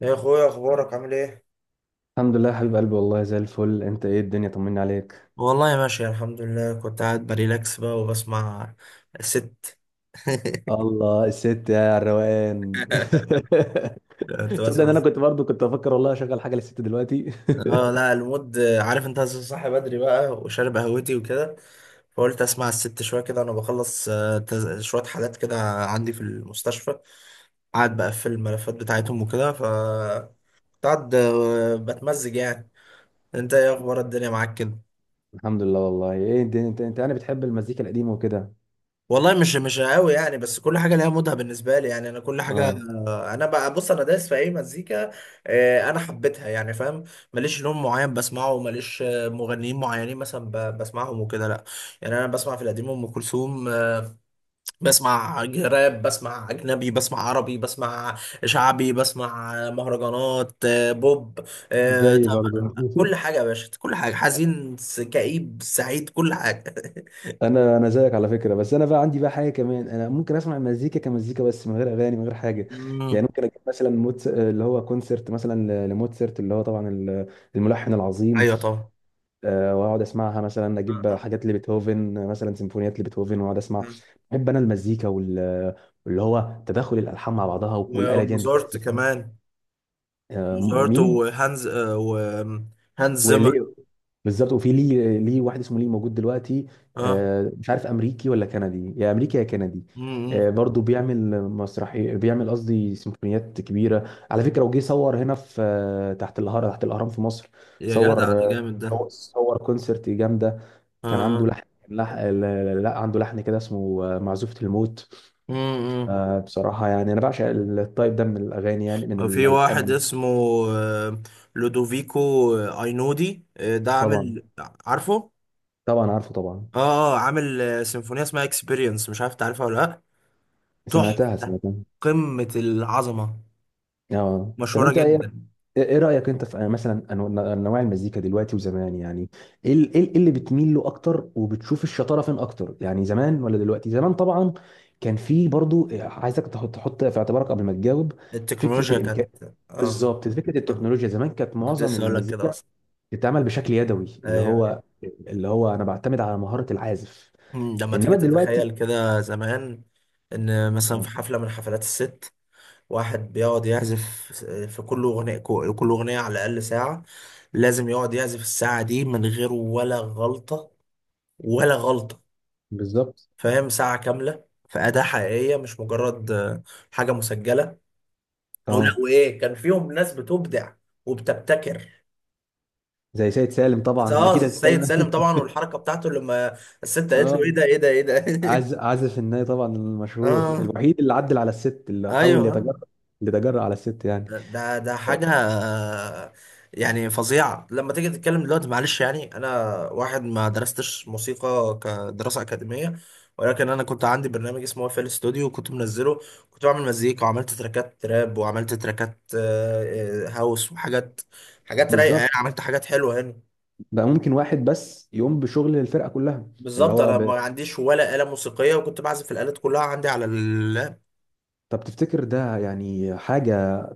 يا اخويا، اخبارك عامل ايه؟ الحمد لله يا حبيب قلبي، والله زي الفل. انت ايه الدنيا، طمني عليك. والله ماشي الحمد لله. كنت قاعد بريلاكس بقى وبسمع ست. الله الست يا الروقان. كنت تصدق ان بسمع انا ست. كنت برضو افكر والله اشغل حاجه للست دلوقتي. اه لا المود، عارف، انت صاحي بدري بقى وشارب قهوتي وكده، فقلت اسمع الست شويه كده انا بخلص. شويه حالات كده عندي في المستشفى، قاعد بقفل الملفات بتاعتهم وكده، ف كنت قاعد بتمزج يعني. انت ايه اخبار الدنيا معاك كده؟ الحمد لله والله. ايه انت يعني بتحب المزيكا القديمه وكده؟ والله مش قوي يعني، بس كل حاجه ليها مودها بالنسبه لي يعني. انا كل حاجه، اه، انا بقى بص، انا دايس في اي مزيكا، انا حبيتها يعني، فاهم. ماليش لون معين بسمعه، ماليش مغنيين معينين مثلا بسمعهم وكده، لا. يعني انا بسمع في القديم ام كلثوم، بسمع راب، بسمع اجنبي، بسمع عربي، بسمع شعبي، بسمع مهرجانات، بوب، زي برضو. طبعا كل حاجه يا باشا، كل حاجه، حزين، كئيب، سعيد، كل حاجه. انا زيك على فكره، بس انا بقى عندي بقى حاجه كمان. انا ممكن اسمع المزيكا كمزيكا بس، من غير اغاني من غير حاجه. يعني مم. ممكن اجيب مثلا موتس... آه، اللي هو كونسرت مثلا لموتسرت، اللي هو طبعا الملحن العظيم. ايوه طبعا. واقعد اسمعها. مثلا اجيب حاجات لبيتهوفن، مثلا سيمفونيات لبيتهوفن واقعد اسمع. بحب انا المزيكا واللي هو تداخل الالحان مع بعضها، والاله دي وموزارت بتعزف دي. كمان. موزارت مين؟ وهانز، وهانز زيمر. وليه؟ بالظبط. وفي ليه واحد اسمه ليه موجود دلوقتي، اه. مش عارف امريكي ولا كندي، يا امريكي يا كندي. امم. برضه بيعمل مسرحي، بيعمل قصدي سيمفونيات كبيره على فكره. وجي صور هنا في، تحت الهرم، تحت الاهرام في مصر. يا جدع، صور، ده جامد ده. صور كونسرت جامده. كان عنده اه. لحن، لح... لا لا، عنده لحن كده اسمه معزوفة الموت. امم. بصراحة يعني أنا بعشق التايب ده من الأغاني، يعني من وفي واحد الألحان. اسمه آه، لودوفيكو، اينودي، ده طبعا. عامل، عارفه. طبعا عارفه طبعا. اه، اه، عامل سيمفونية اسمها اكسبيرينس، مش عارف تعرفها ولا لا. سمعتها تحفة، سمعتها. قمة العظمة، اه. طب مشهورة أنت إيه؟ جدا. إيه رأيك أنت في، مثلا أنواع المزيكا دلوقتي وزمان، يعني إيه اللي بتميل له أكتر وبتشوف الشطارة فين أكتر؟ يعني زمان ولا دلوقتي؟ زمان طبعا. كان في برضو، عايزك تحط في اعتبارك قبل ما تجاوب، فكرة التكنولوجيا الإمكان. كانت، اه، بالظبط، فكره آه. التكنولوجيا. زمان كانت كنت معظم لسه اقول لك كده المزيكا اصلا. بتتعمل بشكل يدوي، اللي ايوه. هو انا بعتمد على مهارة العازف. مم. لما تيجي انما تتخيل دلوقتي، كده زمان، ان مثلا في آه، حفله من حفلات الست، واحد بيقعد يعزف في كل اغنيه، كل اغنيه على الاقل ساعه، لازم يقعد يعزف الساعه دي من غير ولا غلطه، ولا غلطه. بالظبط. فاهم؟ ساعه كامله في اداه حقيقيه، مش مجرد حاجه مسجله. ولا اه، وايه، كان فيهم ناس بتبدع وبتبتكر. زي سيد سالم طبعا اه، اكيد السيد هتتكلم. سالم طبعا، والحركه بتاعته لما الست قالت له: اه، ايه ده، ايه ده، ايه ده. عازف الناي طبعا، المشهور اه، الوحيد اللي عدل على الست، اللي حاول ايوه. يتجرأ، اللي تجرأ على الست يعني. ده ده حاجة يعني فظيعة. لما تيجي تتكلم دلوقتي، معلش يعني، أنا واحد ما درستش موسيقى كدراسة أكاديمية، ولكن أنا كنت عندي برنامج اسمه اف ال ستوديو وكنت منزله، كنت بعمل مزيكا، وعملت تراكات تراب، وعملت تراكات هاوس وحاجات، حاجات رايقة يعني، بالظبط. عملت حاجات حلوة يعني. بقى ممكن واحد بس يقوم بشغل الفرقة كلها، اللي بالظبط. هو أنا ما ب... عنديش ولا آلة موسيقية، وكنت بعزف الآلات كلها عندي على اللاب. طب تفتكر ده يعني حاجة؟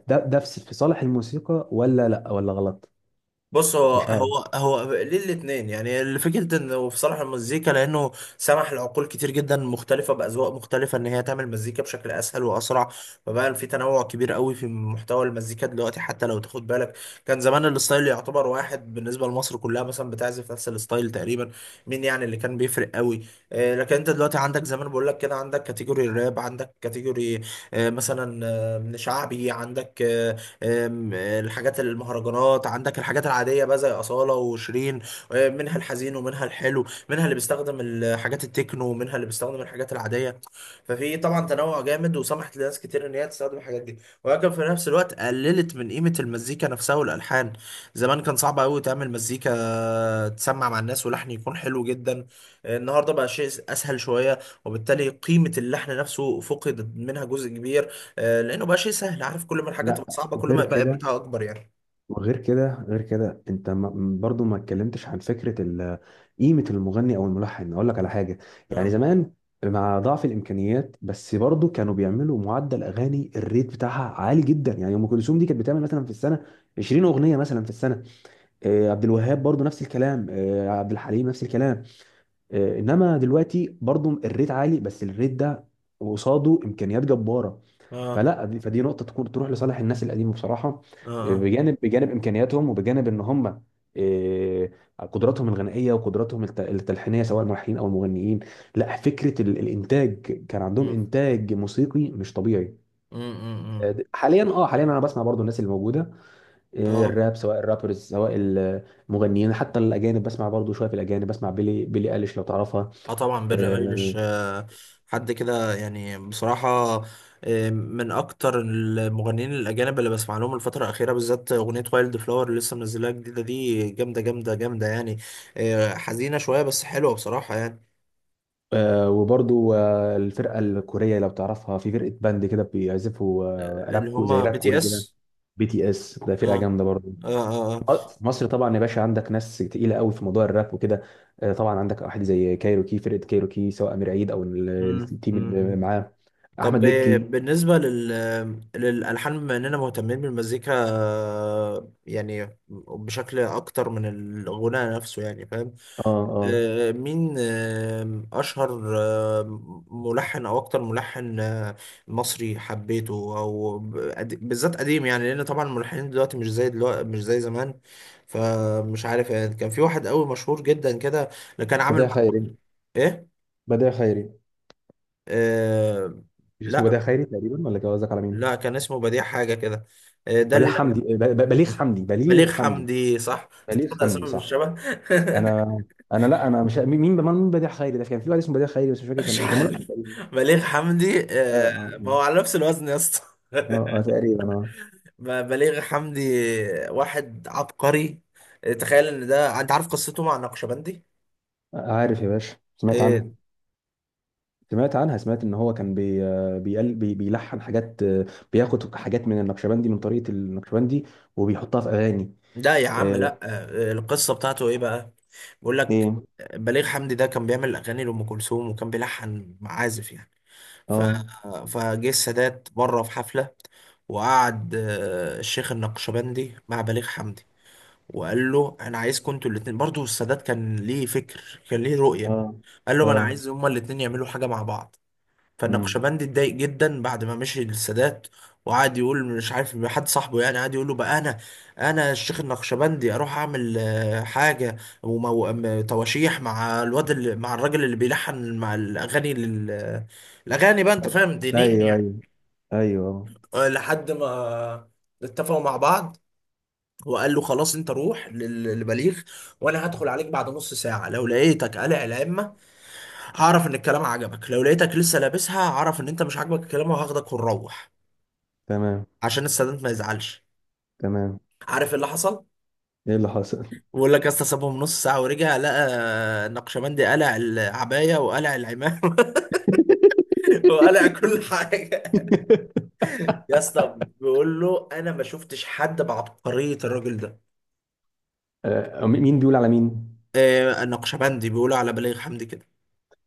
ده في صالح الموسيقى ولا لا، ولا غلط؟ بص، هو مش عارف. هو هو ليه الاثنين يعني. الفكرة انه بصراحة المزيكا لانه سمح لعقول كتير جدا مختلفة باذواق مختلفة ان هي تعمل مزيكا بشكل اسهل واسرع، فبقى في تنوع كبير قوي في محتوى المزيكا دلوقتي. حتى لو تاخد بالك، كان زمان الستايل يعتبر واحد بالنسبة لمصر كلها مثلا، بتعزف نفس الستايل تقريبا، مين يعني اللي كان بيفرق قوي؟ لكن انت دلوقتي عندك، زي ما أنا بقول لك كده، عندك كاتيجوري الراب، عندك كاتيجوري مثلا من شعبي، عندك آه، آم، آه، الحاجات المهرجانات، عندك الحاجات العادية بقى زي أصالة وشيرين. منها الحزين ومنها الحلو، منها اللي بيستخدم الحاجات التكنو ومنها اللي بيستخدم الحاجات العادية. ففي طبعا تنوع جامد، وسمحت لناس كتير إن هي تستخدم الحاجات دي، ولكن في نفس الوقت قللت من قيمة المزيكا نفسها والألحان. زمان كان صعب قوي تعمل مزيكا تسمع مع الناس ولحن يكون حلو جدا، النهارده بقى شيء اسهل شويه، وبالتالي قيمه اللحن نفسه فقدت منها جزء كبير. لانه بقى شيء سهل. عارف، كل ما الحاجه لا، تبقى صعبه، كل وغير ما يبقى كده، قيمتها اكبر يعني. وغير كده، غير كده انت برضو ما اتكلمتش عن فكره قيمه المغني او الملحن. اقول لك على حاجه، يعني اه. زمان مع ضعف الامكانيات، بس برضو كانوا بيعملوا معدل اغاني، الريت بتاعها عالي جدا. يعني ام كلثوم دي كانت بتعمل مثلا في السنه 20 اغنيه مثلا في السنه، عبد مم. الوهاب برضو نفس الكلام، عبد الحليم نفس الكلام. انما دلوقتي برضو الريت عالي، بس الريت ده قصاده امكانيات جباره. اه فلا دي فدي نقطه تكون تروح لصالح الناس القديمه بصراحه، اه. اه. بجانب امكانياتهم، وبجانب ان هم، إيه، قدراتهم الغنائيه وقدراتهم التلحينيه، سواء الملحنين او المغنيين. لا، فكره الانتاج. كان عندهم مم. انتاج موسيقي مش طبيعي. مم. مم. مم. حاليا، اه حاليا انا بسمع برضو الناس اللي موجوده، اه الراب سواء الرابرز سواء المغنيين. حتى الاجانب بسمع برضو شويه. في الاجانب بسمع بيلي، بيلي اليش لو تعرفها. اه طبعا، بيلي آه، ايليش آه، حد كده يعني بصراحة. آه، من اكتر المغنيين الاجانب اللي بسمع لهم الفترة الاخيرة بالذات، اغنية وايلد فلاور اللي لسه منزلها جديدة، دي جامدة جامدة جامدة يعني. آه حزينة شوية بس حلوة بصراحة يعني. آه وبرضو آه، الفرقة الكورية لو تعرفها، في فرقة باند كده بيعزفوا آه، آه راب اللي كو، زي هما راب بي تي كوري كده. اس. بي تي اس ده فرقة اه جامدة برضو. اه اه، آه. في مصر طبعا يا باشا، عندك ناس تقيلة قوي في موضوع الراب وكده. آه طبعا، عندك واحد زي كايروكي، فرقة كايروكي، سواء أمير عيد أو مم. التيم اللي مم. معاه. طب أحمد مكي. بالنسبة للألحان، بما إننا مهتمين بالمزيكا يعني بشكل أكتر من الغناء نفسه، يعني فاهم؟ اه اه. مين أشهر ملحن، أو أكتر ملحن مصري حبيته، أو بالذات قديم يعني، لأن طبعا الملحنين دلوقتي، مش زي دلوقتي مش زي زمان. فمش عارف يعني، كان في واحد قوي مشهور جدا كده اللي كان عامل بديع مع. خيري. إيه؟ بديع خيري. آه، مش اسمه لا بديع خيري تقريبا؟ ولا قصدك على مين؟ لا، كان اسمه بديع حاجة كده، آه، ده بديع اللي- حمدي، بليغ حمدي، بليغ بليغ حمدي. حمدي، صح. أنت بليغ بتاخد حمدي أسامي صح. بالشبه. انا انا لا انا مش، مين بديع خيري ده؟ كان في واحد اسمه بديع خيري بس مش فاكر كان مش ايه، كان ملحن. عارف. بليغ حمدي اه ما اه هو على نفس الوزن يا اسطى. اه. تقريبا اه. بليغ حمدي، واحد عبقري. تخيل ان ده، انت عارف قصته مع النقشبندي؟ عارف يا باشا، سمعت آه، عنها، سمعت عنها. سمعت ان هو كان بي آه، بيقل بي بيلحن حاجات، بياخد حاجات من النقشبندي، من طريقة النقشبندي، وبيحطها في اغاني. لا يا عم، آه، لا. القصة بتاعته ايه بقى؟ بيقول لك: ايه. بليغ حمدي ده كان بيعمل اغاني لأم كلثوم وكان بيلحن معازف يعني، ف... اه فجه السادات بره في حفلة، وقعد الشيخ النقشبندي مع بليغ حمدي، وقال له: انا عايزكم انتوا الاتنين. برضو السادات كان ليه فكر، كان ليه رؤية. اه قال له: ما انا اه. عايز هما الاتنين يعملوا حاجة مع بعض. امم. فالنقشبندي اتضايق جدا بعد ما مشي للسادات، وقعد يقول مش عارف حد صاحبه يعني، قعد يقول له بقى: انا، الشيخ النقشبندي، اروح اعمل حاجه تواشيح مع الواد، اللي مع الراجل اللي بيلحن مع الاغاني الاغاني بقى، انت فاهم، دينيا ايوه يعني. ايوه ايوه. لحد ما اتفقوا مع بعض، وقال له: خلاص، انت روح للبليغ، وانا هدخل عليك بعد نص ساعه، لو لقيتك قلع العمه، هعرف ان الكلام عجبك، لو لقيتك لسه لابسها، هعرف ان انت مش عاجبك الكلام وهاخدك ونروح، تمام عشان السادات ما يزعلش. تمام. عارف إيه اللي حصل؟ ايه اللي حصل؟ بقول لك يا اسطى، سابهم نص ساعه ورجع، لقى النقشبندي قلع العبايه وقلع العمامه، وقلع كل حاجه يا اسطى. بيقول له: انا ما شفتش حد بعبقريه الراجل ده. مين بيقول على مين؟ آه النقشبندي بيقولوا على بليغ حمدي كده،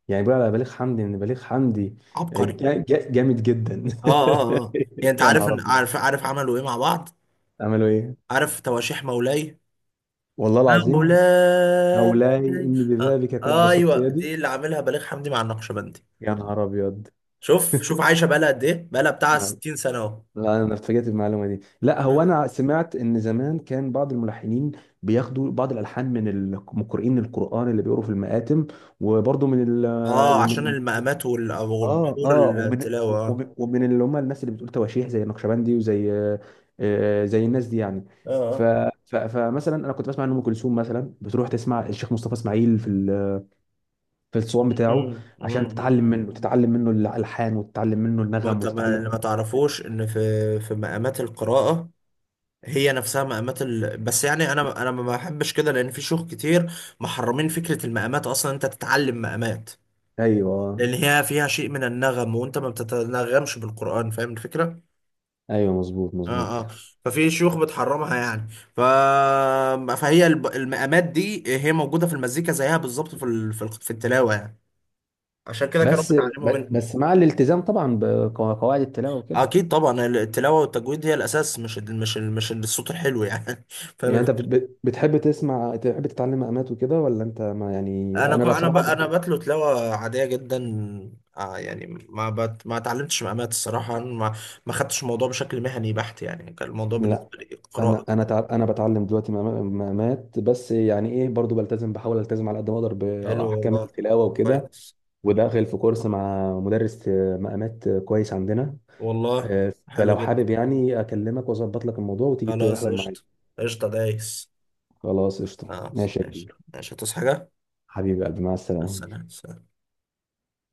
يعني بيقول على بليغ حمدي ان بليغ حمدي، عبقري. جامد جدا. اه اه اه. يعني انت يا عارف، نهار ابيض، عارف عملوا ايه مع بعض؟ عملوا ايه؟ عارف تواشيح مولاي؟ والله العظيم. مولاي. مولاي، اني آه ببابك قد بسطت ايوه، يدي. دي اللي عاملها بليغ حمدي مع النقشبندي. يا نهار ابيض. شوف شوف، عايشه بقالها قد ايه، بقالها بتاع لا، 60 سنه اهو. انا اتفاجئت بالمعلومه دي. لا هو مم. انا سمعت ان زمان كان بعض الملحنين بياخدوا بعض الالحان من القارئين القران اللي بيقروا في المآتم، وبرضه من اه عشان ومن المقامات اه والبحور، اه، ومن التلاوه، اه ومن اللي هم الناس اللي بتقول تواشيح زي النقشبندي وزي، زي الناس دي يعني. ف اه. ف فمثلا انا كنت بسمع ان ام كلثوم مثلا بتروح تسمع الشيخ مصطفى اسماعيل في في الصوان بتاعه، مم. عشان مم. تتعلم منه، الالحان، وتتعلم منه ما النغم، انت ما وتتعلم منه. تعرفوش ان في، في مقامات القراءة هي نفسها مقامات ال...، بس يعني انا، ما بحبش كده، لان في شيوخ كتير محرمين فكرة المقامات اصلا، انت تتعلم مقامات ايوه لان هي فيها شيء من النغم وانت ما بتتنغمش بالقرآن، فاهم الفكرة؟ ايوه، مظبوط مظبوط. اه اه. ففي شيوخ بتحرمها يعني، ف... فهي المقامات دي هي موجوده في المزيكا زيها بالظبط في في التلاوه يعني، عشان كده كانوا بس بيتعلموا منهم. مع الالتزام طبعا بقواعد التلاوه وكده. اكيد طبعا، التلاوه والتجويد هي الاساس، مش مش الصوت الحلو يعني. فاهم يعني انت الفكره؟ بتحب تسمع، تحب تتعلم مقامات وكده؟ ولا انت ما، يعني انا ك... انا بقى انا ب... بصراحه انا ب-. بتلو تلاوه عاديه جدا، آه يعني ما اتعلمتش مقامات الصراحه، ما خدتش الموضوع بشكل مهني بحت يعني، كان الموضوع لا، بالنسبه لي قراءه كده. انا بتعلم دلوقتي مقامات، بس يعني ايه برضو بلتزم، بحاول التزم على قد ما اقدر حلو باحكام والله، التلاوه وكده. كويس. وداخل في كورس مع مدرس مقامات، كويس، عندنا، والله حلو فلو جدا، حابب يعني اكلمك واظبط لك الموضوع وتيجي خلاص تحضر معايا. قشطة. قشطة دايس. خلاص قشطه، خلاص ماشي يا ماشي، كبير. ماشي. هتصحى حاجة؟ حبيبي يا قلبي، مع مع السلامه. السلامة.